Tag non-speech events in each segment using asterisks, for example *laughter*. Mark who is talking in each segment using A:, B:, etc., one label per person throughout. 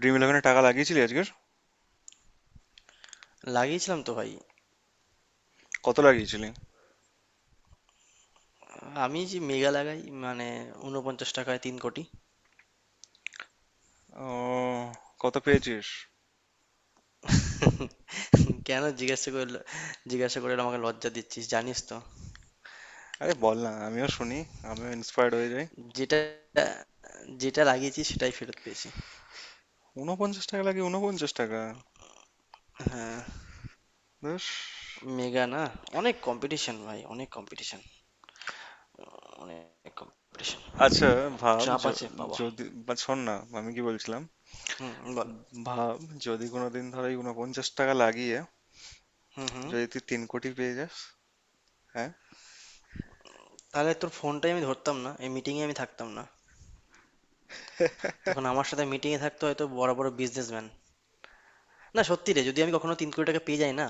A: Dream ইলেভেনে টাকা লাগিয়েছিলি আজকের?
B: লাগিয়েছিলাম তো ভাই।
A: কত লাগিয়েছিলি?
B: আমি যে মেগা লাগাই মানে ৪৯ টাকায় ৩ কোটি।
A: ও, কত পেয়েছিস?
B: *laughs* কেন জিজ্ঞাসা করলো? জিজ্ঞাসা করে আমাকে লজ্জা দিচ্ছিস জানিস তো।
A: আরে বল না, আমিও শুনি, আমিও ইন্সপায়ার্ড হয়ে যাই।
B: যেটা যেটা লাগিয়েছি সেটাই ফেরত পেয়েছি।
A: 49 টাকা লাগে, 49 টাকা?
B: আহ,
A: বেশ।
B: মেগা না, অনেক কম্পিটিশন ভাই, অনেক কম্পিটিশন, অনেক কম্পিটিশন,
A: আচ্ছা, ভাব
B: চাপ আছে বাবা।
A: যদি বা, শোন না, আমি কি বলছিলাম?
B: হুম, বল।
A: ভাব, যদি কোনোদিন ধর এই 49 টাকা লাগিয়ে
B: হুম, হুম।
A: যদি তুই 3 কোটি পেয়ে যাস। হ্যাঁ।
B: তাহলে তোর ফোনটাই আমি ধরতাম না, এই মিটিংয়ে আমি থাকতাম না। তখন আমার সাথে মিটিংয়ে থাকতো হয়তো বড় বড় বিজনেসম্যান। না সত্যি রে, যদি আমি কখনো ৩ কোটি টাকা পেয়ে যাই না,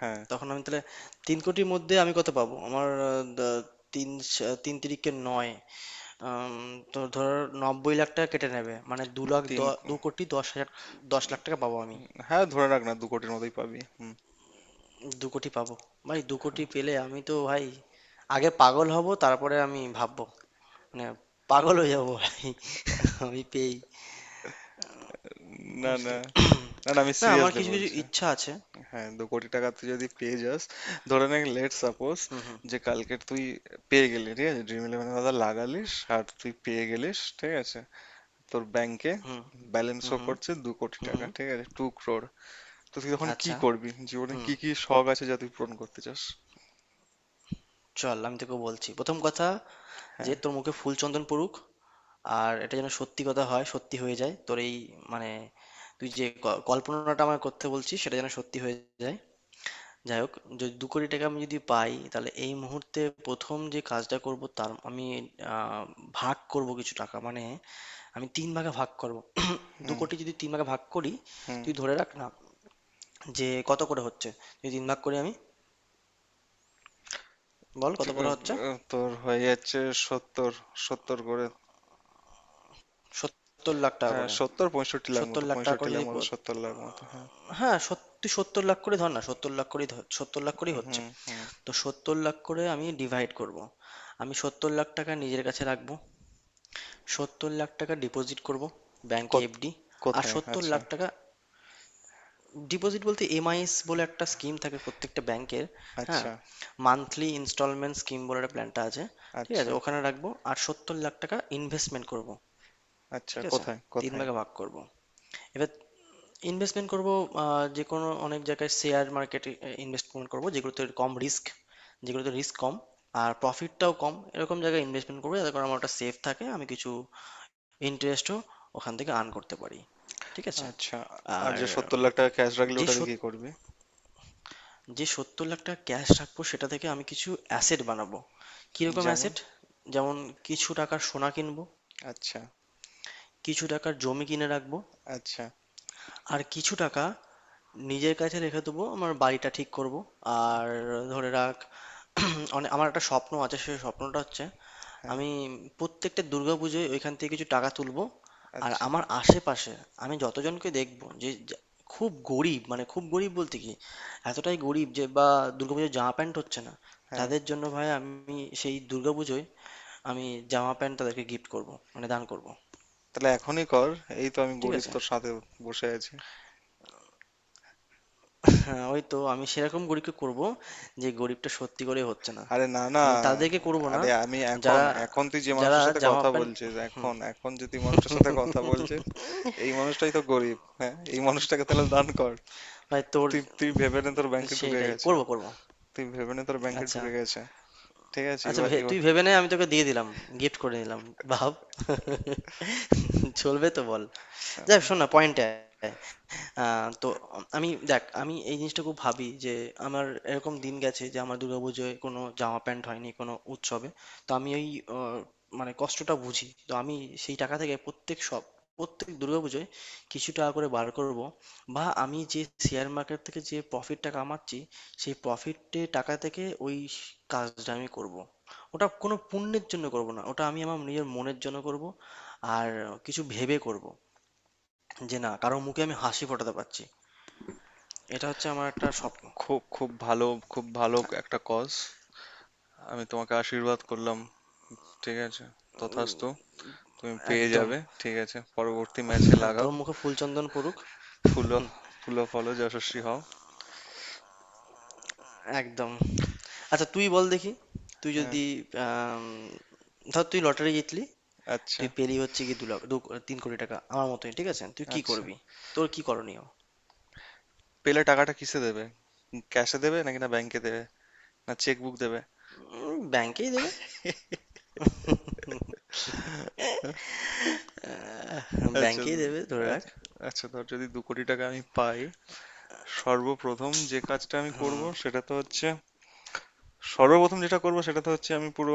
A: হ্যাঁ।
B: তখন আমি তাহলে ৩ কোটির মধ্যে আমি কত পাবো আমার তিন তিরিকে নয়, আম, তো ধর ৯০ লাখ টাকা কেটে নেবে, মানে
A: তিন কো-
B: ২ কোটি ১০ হাজার, ১০ লাখ টাকা পাবো আমি।
A: হ্যাঁ, ধরে রাখ না, 2 কোটির মতোই পাবি। হুম।
B: ২ কোটি পাবো। ভাই ২ কোটি পেলে আমি তো ভাই আগে পাগল হব, তারপরে আমি ভাববো, মানে পাগল হয়ে যাবো ভাই আমি পেয়েই,
A: না না
B: বুঝলি।
A: না, না, আমি
B: না আমার
A: সিরিয়াসলি
B: কিছু কিছু
A: বলছি।
B: ইচ্ছা আছে।
A: হ্যাঁ, 2 কোটি টাকা তুই যদি পেয়ে যাস, ধরে নে, লেট সাপোজ,
B: হুম, হুম,
A: যে কালকে তুই পেয়ে গেলি, ঠিক আছে? ড্রিম ইলেভেনের কথা লাগালিস আর তুই পেয়ে গেলিস, ঠিক আছে? তোর ব্যাংকে
B: hmm,
A: balance
B: hmm,
A: show
B: hmm,
A: করছে দু কোটি
B: হুম,
A: টাকা
B: হুম,
A: ঠিক আছে? টু ক্রোর। তো তুই তখন কি
B: আচ্ছা,
A: করবি? জীবনে
B: হুম।
A: কি কি শখ আছে যা তুই পূরণ করতে চাস?
B: চল আমি তোকে বলছি প্রথম কথা যে
A: হ্যাঁ।
B: তোর মুখে ফুল চন্দন পড়ুক, আর এটা যেন সত্যি কথা হয়, সত্যি হয়ে যায়, তোর এই মানে তুই যে কল্পনাটা আমায় করতে বলছিস সেটা যেন সত্যি হয়ে যায়। যাই হোক, যদি ২ কোটি টাকা আমি যদি পাই তাহলে এই মুহূর্তে প্রথম যে কাজটা করব তার আমি আহ, ভাগ করব কিছু টাকা, মানে আমি তিন ভাগে ভাগ করব। দু
A: হুম
B: কোটি যদি তিন ভাগে ভাগ করি,
A: হুম।
B: তুই ধরে রাখ না যে কত করে হচ্ছে, যদি তিন ভাগ করি আমি, বল কত করে হচ্ছে।
A: তোর হয়ে যাচ্ছে 70, 70 করে।
B: ৭০ লাখ টাকা
A: হ্যাঁ,
B: করে।
A: 70 65 লাখ
B: ৭০
A: মতো,
B: লাখ টাকা
A: পঁয়ষট্টি
B: করে,
A: লাখ মতো, 70 লাখ মতো, হ্যাঁ।
B: হ্যাঁ, তুই ৭০ লাখ করে ধর না, ৭০ লাখ করেই ধর, ৭০ লাখ করেই
A: হুম
B: হচ্ছে।
A: হুম।
B: তো ৭০ লাখ করে আমি ডিভাইড করব। আমি ৭০ লাখ টাকা নিজের কাছে রাখবো, ৭০ লাখ টাকা ডিপোজিট করব ব্যাংকে,
A: কোথ-
B: এফডি। আর
A: কোথায়?
B: ৭০
A: আচ্ছা।
B: লাখ টাকা, ডিপোজিট বলতে এমআইএস বলে একটা স্কিম থাকে প্রত্যেকটা ব্যাংকের। হ্যাঁ,
A: আচ্ছা।
B: মান্থলি ইনস্টলমেন্ট স্কিম বলে একটা প্ল্যানটা আছে। ঠিক আছে,
A: আচ্ছা।
B: ওখানে রাখবো। আর ৭০ লাখ টাকা ইনভেস্টমেন্ট করব।
A: আচ্ছা,
B: ঠিক আছে,
A: কোথায়
B: তিন
A: কোথায়?
B: ভাগে ভাগ করব এবার। ইনভেস্টমেন্ট করব যে কোনো অনেক জায়গায়, শেয়ার মার্কেটে ইনভেস্টমেন্ট করব, যেগুলোতে কম রিস্ক, যেগুলোতে রিস্ক কম আর প্রফিটটাও কম, এরকম জায়গায় ইনভেস্টমেন্ট করবো, যাতে করে আমার ওটা সেফ থাকে, আমি কিছু ইন্টারেস্টও ওখান থেকে আর্ন করতে পারি। ঠিক আছে।
A: আচ্ছা। আর
B: আর
A: যে 70 লাখ টাকা ক্যাশ রাখলে
B: যে
A: ওটা দিয়ে
B: সত
A: কি করবি?
B: যে ৭০ লাখ টাকা ক্যাশ রাখবো সেটা থেকে আমি কিছু অ্যাসেট বানাবো। কিরকম
A: যেমন?
B: অ্যাসেট? যেমন, কিছু টাকার সোনা কিনবো,
A: আচ্ছা।
B: কিছু টাকার জমি কিনে রাখবো,
A: আচ্ছা।
B: আর কিছু টাকা নিজের কাছে রেখে দেবো, আমার বাড়িটা ঠিক করব। আর ধরে রাখ, *clears throat* অনেক আমার একটা স্বপ্ন আছে, সেই স্বপ্নটা হচ্ছে
A: হ্যাঁ।
B: আমি প্রত্যেকটা দুর্গাপুজোয় ওইখান থেকে কিছু টাকা তুলবো। আর
A: আচ্ছা।
B: আমার আশেপাশে আমি যতজনকে দেখবো যে খুব গরিব, মানে খুব গরিব বলতে কি, এতটাই গরিব যে বা দুর্গাপুজোয় জামা প্যান্ট হচ্ছে না,
A: হ্যাঁ,
B: তাদের জন্য ভাই আমি সেই দুর্গাপুজোয় আমি জামা প্যান্ট তাদেরকে গিফট করব, মানে দান করব।
A: তাহলে এখনই কর, এই তো আমি
B: ঠিক
A: গরিব
B: আছে।
A: তোর সাথে বসে আছি।
B: হ্যাঁ, ওই তো আমি সেরকম গরিবকে করব, যে গরিবটা সত্যি করে হচ্ছে না
A: আরে না না।
B: আমি তাদেরকে করব না।
A: আরে আমি এখন
B: যারা
A: এখন তুই যে
B: যারা
A: মানুষটার সাথে
B: জামা
A: কথা
B: প্যান্ট,
A: বলছিস,
B: হুম।
A: এখন এখন যে তুই মানুষটার সাথে কথা বলছিস, এই মানুষটাই তো গরিব, হ্যাঁ, এই মানুষটাকে তাহলে দান কর।
B: ভাই তোর,
A: তুই তুই ভেবে নে, তোর ব্যাংকে ঢুকে
B: সেটাই
A: গেছে।
B: করব, করব।
A: তুই ভেবে নে, তোর ব্যাংকে
B: আচ্ছা,
A: ঢুকে গেছে। ঠিক আছে,
B: আচ্ছা,
A: এবার এবার।
B: তুই ভেবে নে আমি তোকে দিয়ে দিলাম, গিফট করে নিলাম, ভাব, চলবে তো বল। যাক,
A: উম,
B: শোন না, পয়েন্টে আয়। তো আমি দেখ, আমি এই জিনিসটা খুব ভাবি যে আমার এরকম দিন গেছে যে আমার দুর্গাপুজোয় কোনো জামা প্যান্ট হয়নি কোনো উৎসবে। তো আমি ওই আহ, মানে কষ্টটা বুঝি তো আমি। সেই টাকা থেকে প্রত্যেক দুর্গাপুজোয় কিছু টাকা করে বার করব, বা আমি যে শেয়ার মার্কেট থেকে যে প্রফিটটা কামাচ্ছি সেই প্রফিটে টাকা থেকে ওই কাজটা আমি করব। ওটা কোনো পুণ্যের জন্য করব না, ওটা আমি আমার নিজের মনের জন্য করব। আর কিছু ভেবে করব যে, না, কারো মুখে আমি হাসি ফোটাতে পারছি, এটা হচ্ছে আমার একটা স্বপ্ন।
A: খুব খুব ভালো, খুব ভালো একটা কজ। আমি তোমাকে আশীর্বাদ করলাম, ঠিক আছে? তথাস্তু, তুমি পেয়ে
B: একদম।
A: যাবে, ঠিক আছে? পরবর্তী ম্যাচে
B: হ্যাঁ,
A: লাগাও।
B: তোর মুখে ফুলচন্দন পড়ুক।
A: ফুলো
B: হুম।
A: ফুলো ফলো যশস্বী হও।
B: একদম। আচ্ছা তুই বল দেখি, তুই
A: হ্যাঁ।
B: যদি আম, ধর তুই লটারি জিতলি,
A: আচ্ছা।
B: তুই পেলি হচ্ছে কি দু লাখ দু ৩ কোটি টাকা আমার মতোই, ঠিক আছে? তুই কি
A: আচ্ছা।
B: করবি? তোর কি করণীয়?
A: পেলে টাকাটা কিসে দেবে? ক্যাশে দেবে নাকি, না ব্যাংকে দেবে, না চেক বুক দেবে?
B: ব্যাংকেই দেবে। আহ,
A: আচ্ছা
B: ব্যাংকেই দেবে ধরে রাখ।
A: আচ্ছা। আচ্ছা, ধর যদি 2 কোটি টাকা আমি পাই, সর্বপ্রথম যে কাজটা আমি
B: হুম,
A: করব সেটা তো হচ্ছে, সর্বপ্রথম যেটা করব সেটা তো হচ্ছে, আমি পুরো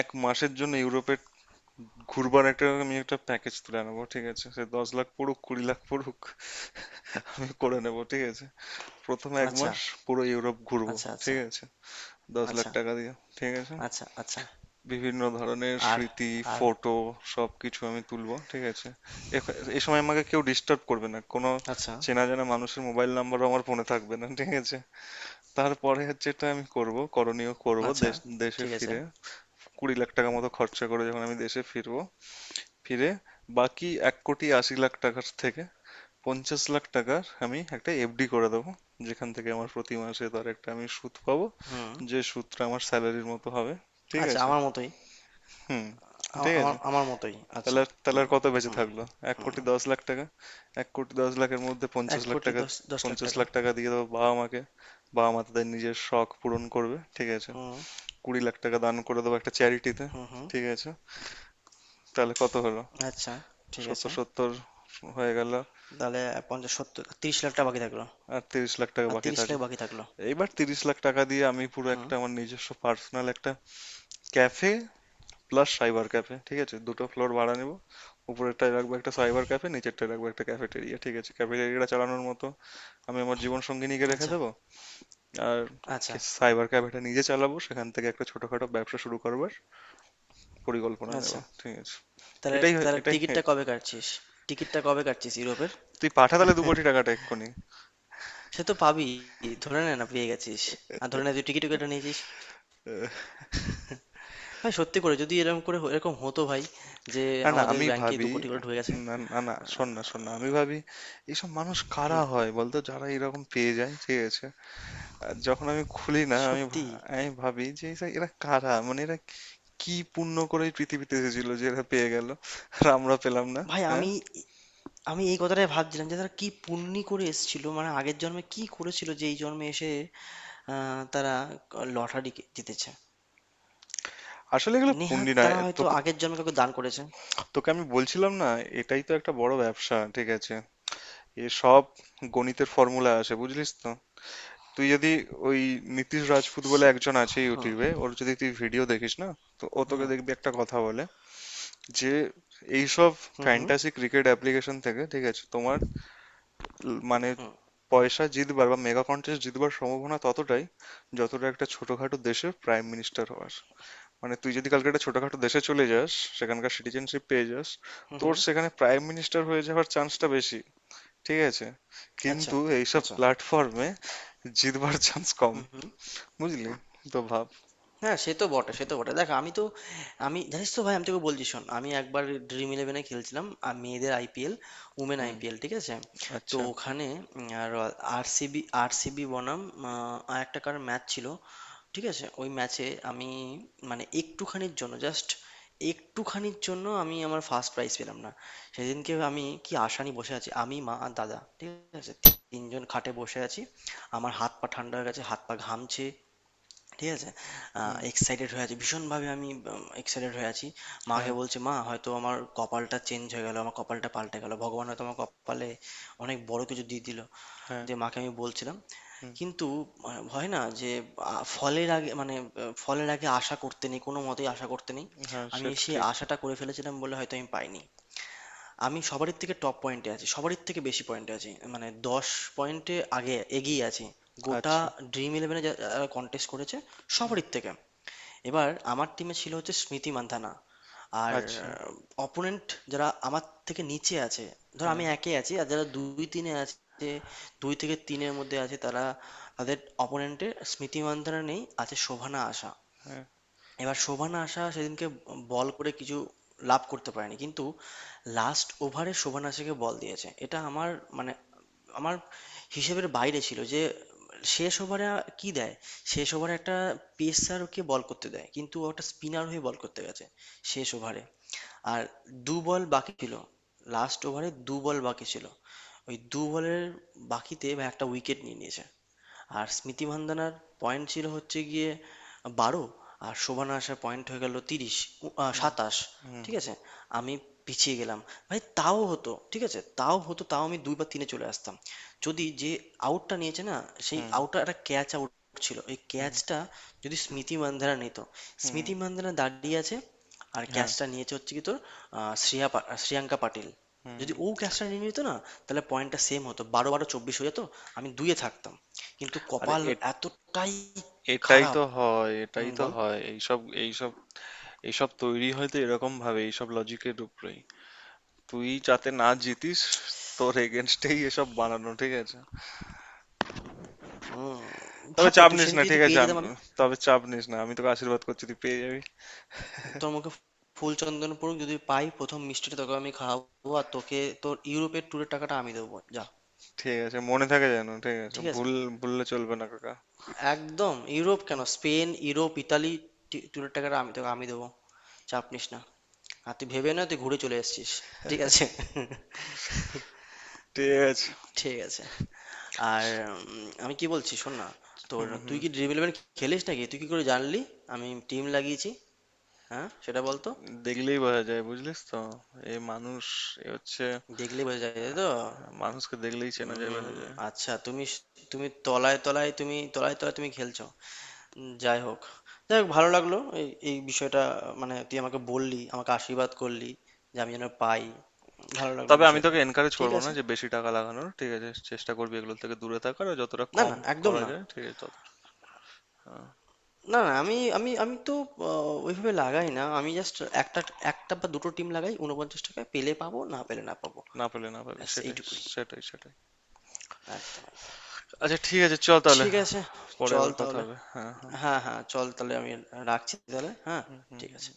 A: এক মাসের জন্য ইউরোপে ঘুরবার একটা, আমি একটা প্যাকেজ তুলে আনবো, ঠিক আছে? সে 10 লাখ পড়ুক, 20 লাখ পড়ুক, করে নেবো, ঠিক আছে। প্রথম এক
B: আচ্ছা,
A: মাস পুরো ইউরোপ ঘুরবো,
B: আচ্ছা, আচ্ছা,
A: ঠিক আছে, দশ লাখ
B: আচ্ছা,
A: টাকা দিয়ে, ঠিক আছে।
B: আচ্ছা, আচ্ছা,
A: বিভিন্ন ধরনের
B: আর,
A: স্মৃতি,
B: আর,
A: ফটো, সবকিছু আমি তুলবো, ঠিক আছে। এই সময় আমাকে কেউ ডিস্টার্ব করবে না, কোনো
B: আচ্ছা,
A: চেনা জানা মানুষের মোবাইল নাম্বারও আমার ফোনে থাকবে না, ঠিক আছে। তারপরে যেটা আমি করব, করণীয় করব,
B: আচ্ছা,
A: দেশ, দেশে
B: ঠিক আছে,
A: ফিরে, 20 লাখ টাকা মতো খরচা করে যখন আমি দেশে ফিরবো, ফিরে, বাকি 1 কোটি 80 লাখ টাকার থেকে 50 লাখ টাকার আমি একটা এফডি করে দেবো, যেখান থেকে আমার প্রতি মাসে তার একটা আমি সুদ পাবো,
B: হুম,
A: যে সুদটা আমার স্যালারির মতো হবে, ঠিক
B: আচ্ছা
A: আছে।
B: আমার মতোই,
A: হুম।
B: আ-
A: ঠিক
B: আমার
A: আছে।
B: আমার মতোই, আচ্ছা।
A: তাহলে
B: হুম,
A: আর কত বেঁচে
B: হুম,
A: থাকলো? এক
B: হুম,
A: কোটি দশ লাখ টাকা 1 কোটি 10 লাখের মধ্যে
B: এক
A: পঞ্চাশ লাখ
B: কোটি
A: টাকা
B: দশ দশ লাখ
A: পঞ্চাশ
B: টাকা,
A: লাখ টাকা দিয়ে দেবো বাবা মাকে, বাবা মা তাদের নিজের শখ পূরণ করবে, ঠিক আছে।
B: হুম,
A: 20 লাখ টাকা দান করে দেবো একটা চ্যারিটিতে,
B: হুম, হুম,
A: ঠিক আছে। তাহলে কত হলো?
B: আচ্ছা, ঠিক
A: 70,
B: আছে।
A: 70 হয়ে গেল।
B: তাহলে ৫০ ৭০ ৩০ লাখ টাকা বাকি থাকলো।
A: আর 30 লাখ টাকা
B: আর
A: বাকি
B: ৩০ লাখ
A: থাকলো।
B: বাকি থাকলো।
A: এইবার 30 লাখ টাকা দিয়ে আমি পুরো
B: হুম,
A: একটা আমার নিজস্ব পার্সোনাল একটা ক্যাফে প্লাস সাইবার ক্যাফে, ঠিক আছে। দুটো ফ্লোর ভাড়া নেব, উপরেরটায় রাখবো একটা সাইবার ক্যাফে, নিচেরটায় রাখবো একটা ক্যাফেটেরিয়া, ঠিক আছে। ক্যাফেটেরিয়াটা চালানোর মতো আমি আমার জীবন সঙ্গিনীকে রেখে
B: আচ্ছা,
A: দেবো, আর
B: আচ্ছা,
A: সাইবার ক্যাফেটা নিজে চালাবো, সেখান থেকে একটা ছোটখাটো ব্যবসা শুরু করবার পরিকল্পনা নেব,
B: আচ্ছা।
A: ঠিক আছে।
B: তাহলে তাহলে
A: এটাই, হ্যাঁ।
B: টিকিটটা কবে কাটছিস? টিকিটটা কবে কাটছিস ইউরোপের?
A: তুই পাঠা তাহলে 2 কোটি টাকাটা এক্ষুনি।
B: সে তো পাবি, ধরে নে না পেয়ে গেছিস, আর ধরে নে তুই টিকিটও কেটে নিয়েছিস। ভাই সত্যি করে যদি এরকম করে এরকম হতো ভাই, যে
A: না, না,
B: আমাদের
A: আমি
B: ব্যাংকে দু
A: ভাবি,
B: কোটি করে ঢুকে গেছে।
A: না, না, না, শোন না, শোন না, আমি ভাবি এইসব মানুষ কারা হয় বলতো, যারা এরকম পেয়ে যায়, ঠিক আছে? আর যখন আমি খুলি না, আমি
B: সত্যি,
A: আমি ভাবি যে এরা, এরা কারা, মানে এরা কি পুণ্য করে এই পৃথিবীতে এসেছিল যে এরা পেয়ে গেল আর আমরা পেলাম না?
B: ভাই
A: হ্যাঁ।
B: আমি আমি এই কথাটাই ভাবছিলাম যে তারা কি পুণ্যি করে এসেছিল মানে আগের জন্মে কি করেছিল যে এই জন্মে এসে তারা লটারি জিতেছে।
A: আসলে এগুলো
B: নেহাত
A: পুণ্যি নয়,
B: তারা হয়তো
A: তোকে,
B: আগের জন্মে কাউকে দান করেছে।
A: তোকে আমি বলছিলাম না, এটাই তো একটা বড় ব্যবসা, ঠিক আছে। এ সব গণিতের ফর্মুলা আসে, বুঝলিস তো? তুই যদি ওই নীতিশ রাজপুত বলে
B: সে-
A: একজন আছে
B: হুম,
A: ইউটিউবে, ওর যদি তুই ভিডিও দেখিস না, তো ও তোকে,
B: হুম,
A: দেখবি একটা কথা বলে, যে এইসব
B: hmm, hmm,
A: fantasy cricket application থেকে, ঠিক আছে, তোমার মানে
B: হুম,
A: পয়সা জিতবার বা মেগা কন্টেস্ট জিতবার সম্ভাবনা ততটাই, যতটা একটা ছোটখাটো দেশের প্রাইম মিনিস্টার হওয়ার। মানে তুই যদি কালকে একটা ছোটখাটো দেশে চলে যাস, সেখানকার সিটিজেনশিপ পেয়ে যাস,
B: হুম,
A: তোর
B: হুম,
A: সেখানে প্রাইম মিনিস্টার হয়ে যাওয়ার চান্সটা বেশি, ঠিক আছে।
B: আচ্ছা,
A: কিন্তু এইসব
B: আচ্ছা,
A: প্ল্যাটফর্মে জিতবার চান্স কম,
B: হুম, হুম।
A: বুঝলি? তো ভাব।
B: হ্যাঁ, সে তো বটে, সে তো বটে। দেখ আমি তো, আমি জানিস তো ভাই, আমি তোকে বলছি, শোন, আমি একবার ড্রিম ইলেভেনে খেলছিলাম আর মেয়েদের আইপিএল, উমেন
A: হুম।
B: আইপিএল, ঠিক আছে? তো
A: আচ্ছা।
B: ওখানে আর আরসিবি আরসিবি বনাম আর একটা, কার ম্যাচ ছিল, ঠিক আছে? ওই ম্যাচে আমি, মানে একটুখানির জন্য জাস্ট, একটুখানির জন্য আমি আমার ফার্স্ট প্রাইজ পেলাম না। সেদিনকে আমি কি আশা নিয়ে বসে আছি, আমি মা আর দাদা, ঠিক আছে, তিনজন খাটে বসে আছি। আমার হাত পা ঠান্ডা হয়ে গেছে, হাত পা ঘামছে, ঠিক আছে,
A: হুম।
B: এক্সাইটেড হয়ে আছি ভীষণভাবে, আমি এক্সাইটেড হয়ে আছি। মাকে
A: হ্যাঁ।
B: বলছি মা, হয়তো আমার কপালটা চেঞ্জ হয়ে গেল, আমার কপালটা পাল্টে গেল, ভগবান হয়তো আমার কপালে অনেক বড় কিছু দিয়ে দিল,
A: হ্যাঁ।
B: যে মাকে আমি বলছিলাম।
A: হুম।
B: কিন্তু, মানে হয় না যে, ফলের আগে, মানে ফলের আগে আশা করতে নেই, কোনো মতেই আশা করতে নেই।
A: হ্যাঁ,
B: আমি
A: সে তো
B: সেই
A: ঠিক।
B: আশাটা করে ফেলেছিলাম বলে হয়তো আমি পাইনি। আমি সবারই থেকে টপ পয়েন্টে আছি, সবারই থেকে বেশি পয়েন্টে আছি, মানে ১০ পয়েন্টে আগে এগিয়ে আছি, গোটা
A: আচ্ছা।
B: ড্রিম ইলেভেনে যারা কন্টেস্ট করেছে
A: হুম।
B: সবারই থেকে। এবার আমার টিমে ছিল হচ্ছে স্মৃতি মান্ধানা, আর
A: আচ্ছা।
B: অপোনেন্ট যারা আমার থেকে নিচে আছে, ধর
A: হ্যাঁ।
B: আমি একে আছি আর যারা দুই তিনে আছে, দুই থেকে তিনের মধ্যে আছে, তারা, তাদের অপোনেন্টের স্মৃতি মান্ধানা নেই, আছে শোভনা আশা।
A: হ্যাঁ।
B: এবার শোভন আশা সেদিনকে বল করে কিছু লাভ করতে পারেনি, কিন্তু লাস্ট ওভারে শোভন আশাকে বল দিয়েছে, এটা আমার মানে আমার হিসেবের বাইরে ছিল যে শেষ ওভারে কি দেয়, শেষ ওভারে একটা পেসারকে বল করতে দেয়, কিন্তু ও একটা স্পিনার হয়ে বল করতে গেছে শেষ ওভারে। আর দু বল বাকি ছিল, লাস্ট ওভারে দু বল বাকি ছিল, ওই দু বলের বাকিতে ভাই একটা উইকেট নিয়ে নিয়েছে। আর স্মৃতি মান্দানার পয়েন্ট ছিল হচ্ছে গিয়ে ১২, আর শোভনা আসার পয়েন্ট হয়ে গেল ৩০,
A: হুম
B: ২৭,
A: হুম
B: ঠিক আছে। আমি পিছিয়ে গেলাম। ভাই তাও হতো, ঠিক আছে, তাও হতো, তাও আমি দুই বা তিনে চলে আসতাম, যদি যে আউটটা নিয়েছে না, সেই
A: হুম
B: আউটটা একটা ক্যাচ আউট ছিল, ওই
A: হুম
B: ক্যাচটা যদি স্মৃতি মান্ধানা নিত,
A: হুম
B: স্মৃতি মান্ধানা দাঁড়িয়ে আছে আর
A: হ্যাঁ
B: ক্যাচটা নিয়েছে হচ্ছে কি তোর শ্রেয়াঙ্কা পাটিল,
A: হুম।
B: যদি ও ক্যাচটা নিয়ে নিত না, তাহলে পয়েন্টটা সেম হতো, ১২ ১২ ২৪ হয়ে যেত, আমি দুইয়ে থাকতাম। কিন্তু
A: আরে
B: কপাল
A: এ,
B: এতটাই
A: এটাই
B: খারাপ।
A: তো হয়, এটাই
B: হুম,
A: তো
B: বল।
A: হয়, এইসব, এইসব, এইসব তৈরি হয় তো এরকম ভাবে, এইসব লজিকের উপরেই তুই যাতে না জিতিস, তোর এগেনস্টেই এসব বানানো, ঠিক আছে।
B: হুম।
A: তবে
B: ভাব না,
A: চাপ
B: তুই
A: নিস না,
B: সেদিনকে
A: ঠিক
B: যদি
A: আছে,
B: পেয়ে যেতাম আমি,
A: তবে চাপ নিস না, আমি তোকে আশীর্বাদ করছি তুই পেয়ে যাবি।
B: তোর মুখে ফুল চন্দন পড়ুক, যদি পাই প্রথম মিষ্টিটা তোকে আমি খাওয়াবো আর তোকে তোর ইউরোপের ট্যুরের টাকাটা আমি দেবো, যা।
A: ঠিক আছে, মনে থাকে যেন, ঠিক আছে?
B: ঠিক আছে।
A: ভুললে চলবে না, কাকা।
B: একদম, ইউরোপ কেন, স্পেন, ইউরোপ, ইতালি ট্যুরের টাকাটা আমি তোকে আমি দেবো, চাপ নিস না, আর তুই ভেবে না তুই ঘুরে চলে এসেছিস, ঠিক আছে। *laughs*
A: ঠিক আছে।
B: ঠিক আছে। আর আমি কি বলছি শোন না,
A: হুম হুম।
B: তুই কি ড্রিম ইলেভেন খেলিস নাকি, তুই কি করে জানলি আমি টিম লাগিয়েছি? হ্যাঁ, সেটা বলতো।
A: দেখলেই বোঝা যায়, বুঝলিস তো? এ মানুষ, এ হচ্ছে,
B: দেখলেই বোঝা যায়, তাই তো।
A: মানুষকে দেখলেই চেনা যায়, বোঝা
B: উম,
A: যায়।
B: আচ্ছা তুমি তুমি তলায় তলায় তুমি খেলছো। উম, যাই হোক যাই হোক ভালো লাগলো, এই এই বিষয়টা, মানে তুই আমাকে বললি, আমাকে আশীর্বাদ করলি যে আমি যেন পাই, ভালো লাগলো
A: তবে আমি
B: বিষয়টা।
A: তোকে এনকারেজ
B: ঠিক
A: করবো না
B: আছে,
A: যে বেশি টাকা লাগানোর, ঠিক আছে। চেষ্টা করবি এগুলো থেকে দূরে থাকার, আর যতটা
B: না
A: কম
B: না, একদম
A: করা
B: না,
A: যায় ঠিক আছে, তত।
B: না না, আমি, আমি তো ওইভাবে লাগাই না, আমি জাস্ট একটা একটা বা দুটো টিম লাগাই, ৪৯ টাকায়, পেলে পাবো, না পেলে না পাবো,
A: না পেলে না পাবি,
B: ব্যাস
A: সেটাই,
B: এইটুকুই।
A: সেটাই, সেটাই।
B: একদম, একদম।
A: আচ্ছা, ঠিক আছে, চল তাহলে,
B: ঠিক আছে,
A: পরে
B: চল
A: আবার কথা
B: তাহলে।
A: হবে। হ্যাঁ হ্যাঁ।
B: হ্যাঁ, হ্যাঁ, চল তাহলে, আমি রাখছি তাহলে,
A: হুম
B: হ্যাঁ।
A: হুম
B: ঠিক আছে।
A: হুম।